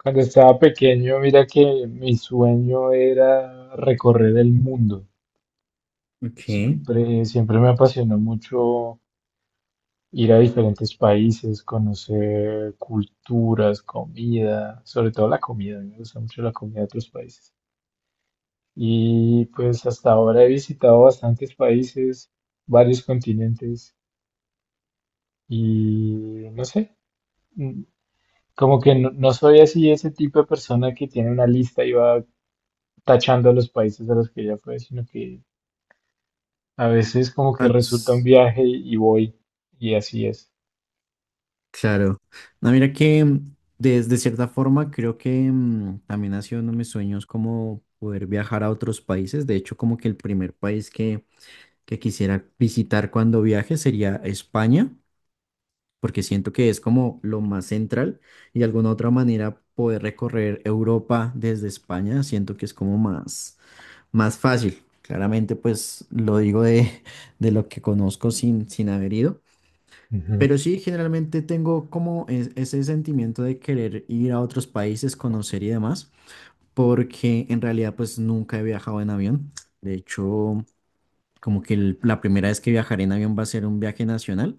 Cuando estaba pequeño, mira que mi sueño era recorrer el mundo. Ok. Siempre, siempre me apasionó mucho ir a diferentes países, conocer culturas, comida, sobre todo la comida. Me gusta mucho la comida de otros países. Y pues hasta ahora he visitado bastantes países, varios continentes y no sé, mm, como que no soy así ese tipo de persona que tiene una lista y va tachando los países a los que ya fue, sino que a veces como A que resulta un los, viaje y voy y así es. claro. No, mira que de cierta forma creo que también ha sido uno de mis sueños como poder viajar a otros países. De hecho, como que el primer país que quisiera visitar cuando viaje sería España, porque siento que es como lo más central y de alguna otra manera poder recorrer Europa desde España, siento que es como más, más fácil. Claramente, pues lo digo de, de lo que conozco sin haber ido. Ujú. Pero sí, generalmente tengo como ese sentimiento de querer ir a otros países, conocer y demás, porque en realidad pues nunca he viajado en avión. De hecho, como que la primera vez que viajaré en avión va a ser un viaje nacional,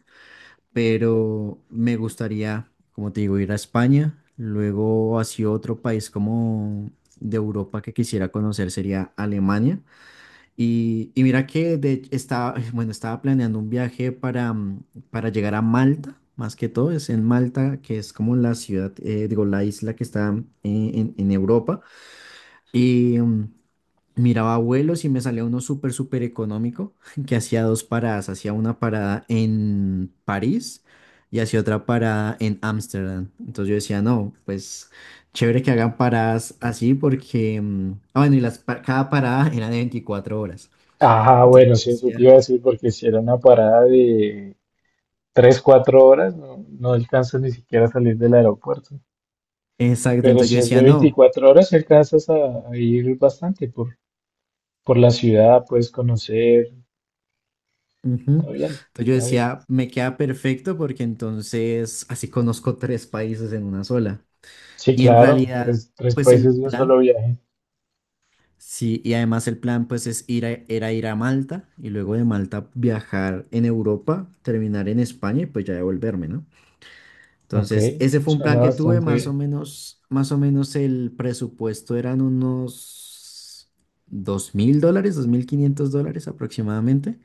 pero me gustaría, como te digo, ir a España, luego hacia otro país como de Europa que quisiera conocer sería Alemania. Y mira que de, estaba, bueno, estaba planeando un viaje para llegar a Malta, más que todo, es en Malta, que es como la ciudad, digo, la isla que está en Europa. Y miraba vuelos y me salía uno súper, súper económico, que hacía dos paradas, hacía una parada en París y hacía otra parada en Ámsterdam. Entonces yo decía, no, pues chévere que hagan paradas así porque, bueno, y cada parada era de 24 horas. Ah, Entonces bueno, yo sí, eso te iba decía, a decir porque si era una parada de 3 4 horas, no, no alcanzas ni siquiera a salir del aeropuerto. exacto, Pero entonces yo si es decía, de no. 24 horas, alcanzas a ir bastante por la ciudad, puedes conocer. Ujú. Está bien, Entonces yo está bien. decía, me queda perfecto porque entonces así conozco tres países en una sola. Sí, Y en claro, realidad, tres pues el países de un solo plan, viaje. sí, y además el plan pues es ir a, era ir a Malta y luego de Malta viajar en Europa, terminar en España y pues ya devolverme, ¿no? Ok, Entonces, ese fue un plan suena que tuve, bastante bien. Más o menos el presupuesto eran unos 2.000 dólares, 2.500 dólares aproximadamente.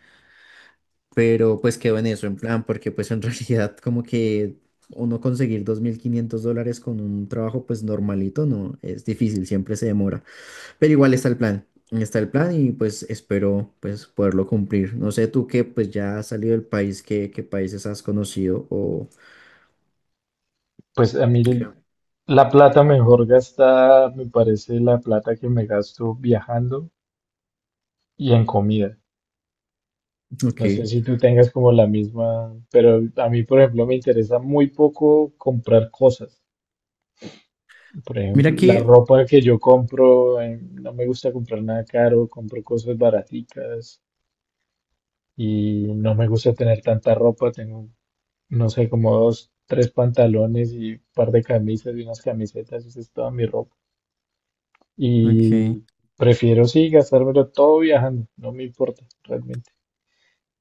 Pero pues quedó en eso, en plan, porque pues en realidad como que uno conseguir 2.500 dólares con un trabajo pues normalito, no, es difícil, siempre se demora, pero igual está el plan y pues espero pues poderlo cumplir. No sé tú que pues ya has salido del país, ¿qué, qué países has conocido o... Pues a mí Ok, la plata mejor gastada me parece la plata que me gasto viajando y en comida. No sé ok. si tú tengas como la misma, pero a mí, por ejemplo, me interesa muy poco comprar cosas. Por Mira ejemplo, la que... ropa que yo compro, no me gusta comprar nada caro, compro cosas baraticas y no me gusta tener tanta ropa. Tengo, no sé, como dos, tres pantalones y un par de camisas y unas camisetas, esa es toda mi ropa. Ok, Y prefiero sí gastármelo todo viajando, no me importa realmente.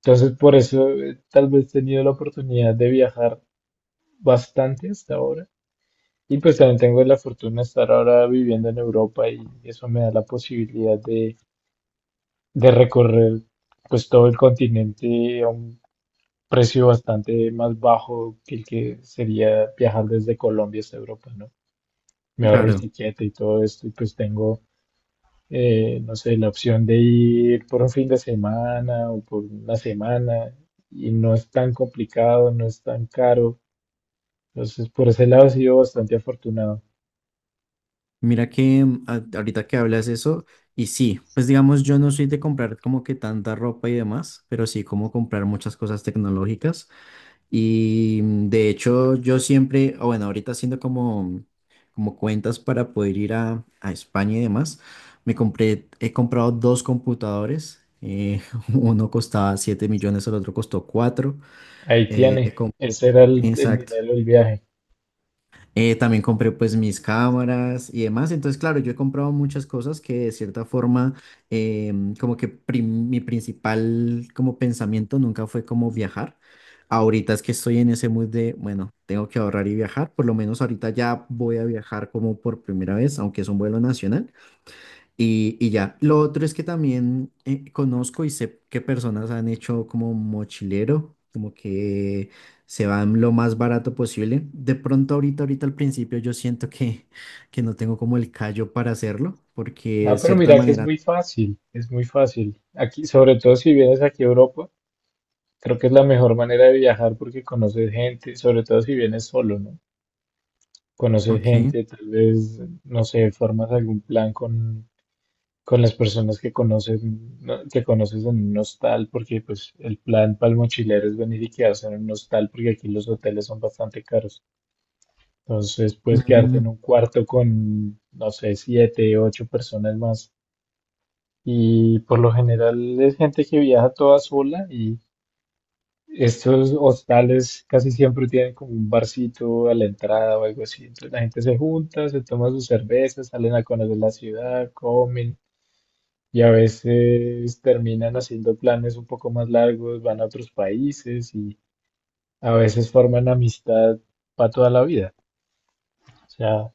Entonces por eso tal vez he tenido la oportunidad de viajar bastante hasta ahora. Y pues también tengo la fortuna de estar ahora viviendo en Europa y eso me da la posibilidad de recorrer pues todo el continente a un precio bastante más bajo que el que sería viajar desde Colombia hasta Europa, ¿no? Me ahorro el claro. tiquete y todo esto y pues tengo no sé, la opción de ir por un fin de semana o por una semana y no es tan complicado, no es tan caro. Entonces, por ese lado he sido bastante afortunado. Mira que ahorita que hablas eso, y sí, pues digamos, yo no soy de comprar como que tanta ropa y demás, pero sí como comprar muchas cosas tecnológicas. Y de hecho, yo siempre, o bueno, ahorita haciendo como cuentas para poder ir a España y demás, me compré, he comprado dos computadores. Uno costaba 7 millones, el otro costó 4. Ahí eh, tiene, he com- ese era el exacto. dinero del viaje. También compré pues mis cámaras y demás. Entonces, claro, yo he comprado muchas cosas que de cierta forma, como que mi principal como pensamiento nunca fue como viajar. Ahorita es que estoy en ese mood de, bueno, tengo que ahorrar y viajar. Por lo menos ahorita ya voy a viajar como por primera vez, aunque es un vuelo nacional. Y ya, lo otro es que también conozco y sé qué personas han hecho como mochilero, como que se van lo más barato posible. De pronto ahorita, ahorita al principio yo siento que no tengo como el callo para hacerlo, porque No, de pero cierta mira que es manera... muy fácil, es muy fácil. Aquí, sobre todo si vienes aquí a Europa, creo que es la mejor manera de viajar porque conoces gente, sobre todo si vienes solo, ¿no? Conoces Ok. gente, tal vez, no sé, formas algún plan con las personas que conocen, ¿no?, que conoces en un hostal, porque pues el plan para el mochilero es venir y quedarse en un hostal, porque aquí los hoteles son bastante caros. Entonces puedes quedarte Mm, en un cuarto con, no sé, siete, ocho personas más. Y por lo general es gente que viaja toda sola y estos hostales casi siempre tienen como un barcito a la entrada o algo así. Entonces la gente se junta, se toma sus cervezas, salen a conocer la ciudad, comen. Y a veces terminan haciendo planes un poco más largos, van a otros países y a veces forman amistad para toda la vida. O sea,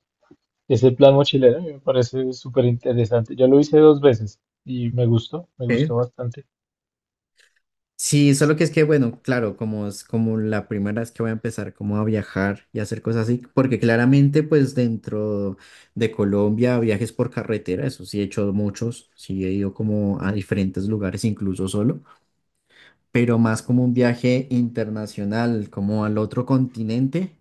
ese plan mochilero a mí me parece súper interesante. Yo lo hice 2 veces y me ok, gustó bastante. sí, solo que es que, bueno, claro, como es como la primera vez que voy a empezar como a viajar y hacer cosas así, porque claramente pues dentro de Colombia viajes por carretera, eso sí he hecho muchos, sí he ido como a diferentes lugares incluso solo, pero más como un viaje internacional, como al otro continente,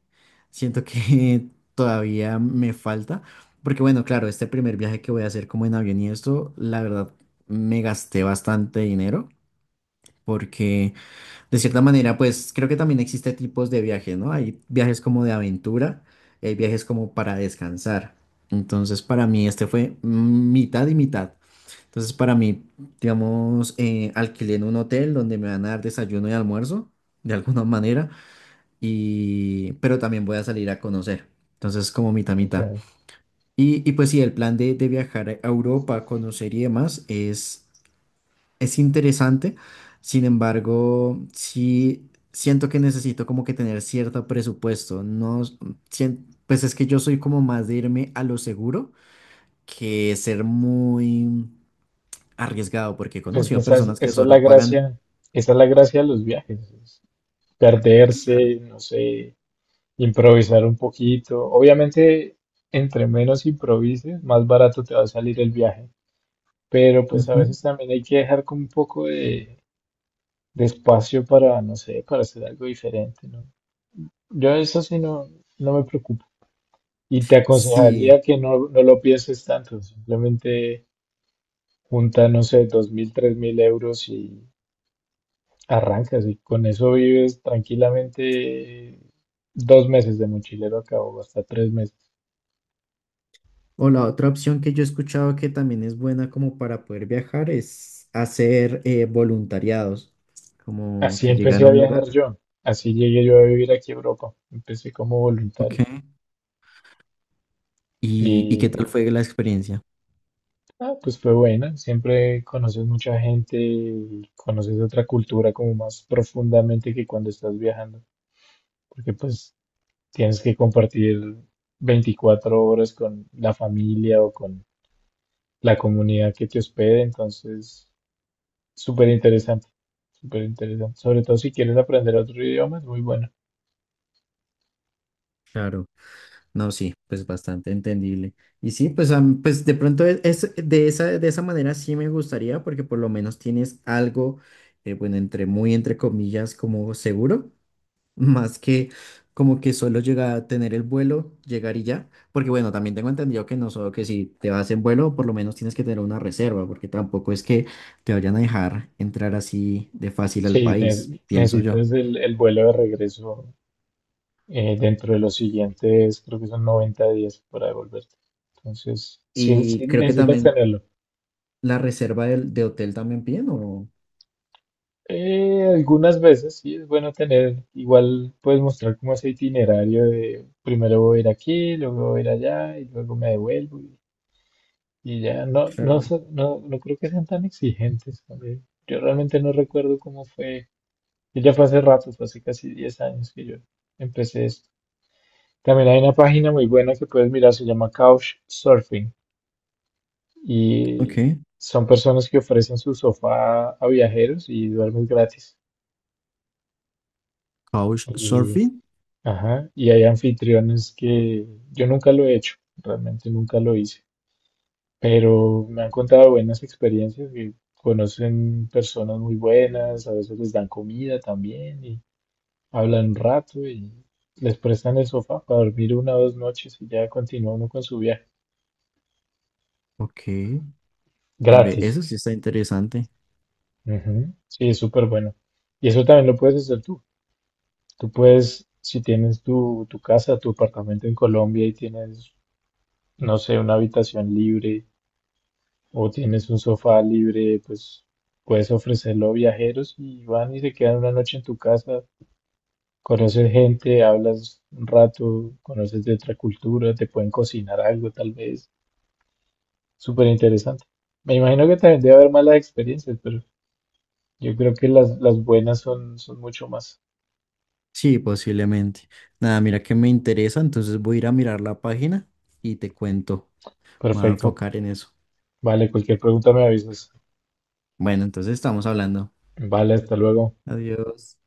siento que todavía me falta, porque bueno, claro, este primer viaje que voy a hacer como en avión y esto, la verdad, me gasté bastante dinero porque... De cierta manera, pues creo que también existe tipos de viajes, ¿no? Hay viajes como de aventura y hay viajes como para descansar. Entonces, para mí este fue mitad y mitad. Entonces, para mí, digamos, alquilé en un hotel donde me van a dar desayuno y almuerzo, de alguna manera, y... pero también voy a salir a conocer. Entonces, como mitad, mitad. Entonces, Y pues sí, el plan de viajar a Europa, conocer y demás es interesante, sin embargo, sí siento que necesito como que tener cierto presupuesto. No, pues es que yo soy como más de irme a lo seguro que ser muy arriesgado, porque he pues conocido quizás personas que esa es la solo pagan. gracia, esa es la gracia de los viajes, es Claro. perderse, no sé, improvisar un poquito. Obviamente, entre menos improvises, más barato te va a salir el viaje. Pero pues a Ujú. veces también hay que dejar como un poco de espacio para, no sé, para hacer algo diferente, ¿no? Yo eso sí no, no me preocupo. Y te Sí. aconsejaría que no lo pienses tanto, simplemente junta, no sé, 2000, 3000 euros y arrancas y con eso vives tranquilamente 2 meses de mochilero a cabo, hasta 3 meses. O la otra opción que yo he escuchado que también es buena como para poder viajar es hacer voluntariados, como Así que llegar empecé a a un lugar. viajar yo, así llegué yo a vivir aquí a Europa, empecé como Ok. voluntario. ¿Y qué tal Y fue la experiencia? ah, pues fue buena, siempre conoces mucha gente y conoces otra cultura como más profundamente que cuando estás viajando, porque pues tienes que compartir 24 horas con la familia o con la comunidad que te hospede, entonces súper interesante, súper interesante, sobre todo si quieres aprender otro idioma, es muy bueno. Claro, no, sí, pues bastante entendible. Y sí, pues, pues de pronto de esa manera sí me gustaría porque por lo menos tienes algo, bueno, entre muy entre comillas, como seguro. Más que como que solo llega a tener el vuelo, llegar y ya. Porque bueno, también tengo entendido que no solo que si te vas en vuelo, por lo menos tienes que tener una reserva, porque tampoco es que te vayan a dejar entrar así de fácil al Sí, país, pienso yo. necesitas el vuelo de regreso dentro de los siguientes, creo que son 90 días para devolverte. Entonces, sí, Y sí creo que necesitas también tenerlo. la reserva de hotel también piden, ¿o? Algunas veces sí es bueno tener, igual puedes mostrar como ese itinerario de primero voy a ir aquí, luego voy a ir allá y luego me devuelvo y ya. No, no, Claro. No creo que sean tan exigentes. A yo realmente no recuerdo cómo fue. Que ya fue hace rato, fue hace casi 10 años que yo empecé esto. También hay una página muy buena que puedes mirar, se llama Couchsurfing. Ok. Y son personas que ofrecen su sofá a viajeros y duermes gratis. Y, Couchsurfing. ajá, y hay anfitriones que yo nunca lo he hecho, realmente nunca lo hice, pero me han contado buenas experiencias que conocen personas muy buenas, a veces les dan comida también y hablan un rato y les prestan el sofá para dormir una o dos noches y ya continúa uno con su viaje. Ok. Ve, Gratis. eso sí está interesante. Ujú. Sí, es súper bueno. Y eso también lo puedes hacer tú. Tú puedes, si tienes tu casa, tu apartamento en Colombia y tienes, no sé, una habitación libre o tienes un sofá libre, pues puedes ofrecerlo a viajeros y van y se quedan una noche en tu casa, conoces gente, hablas un rato, conoces de otra cultura, te pueden cocinar algo tal vez, súper interesante. Me imagino que también debe haber malas experiencias, pero yo creo que las buenas son mucho más. Sí, posiblemente. Nada, mira que me interesa, entonces voy a ir a mirar la página y te cuento. Me voy a Perfecto. enfocar en eso. Vale, cualquier pregunta me avisas. Bueno, entonces estamos hablando. Vale, hasta luego. Adiós.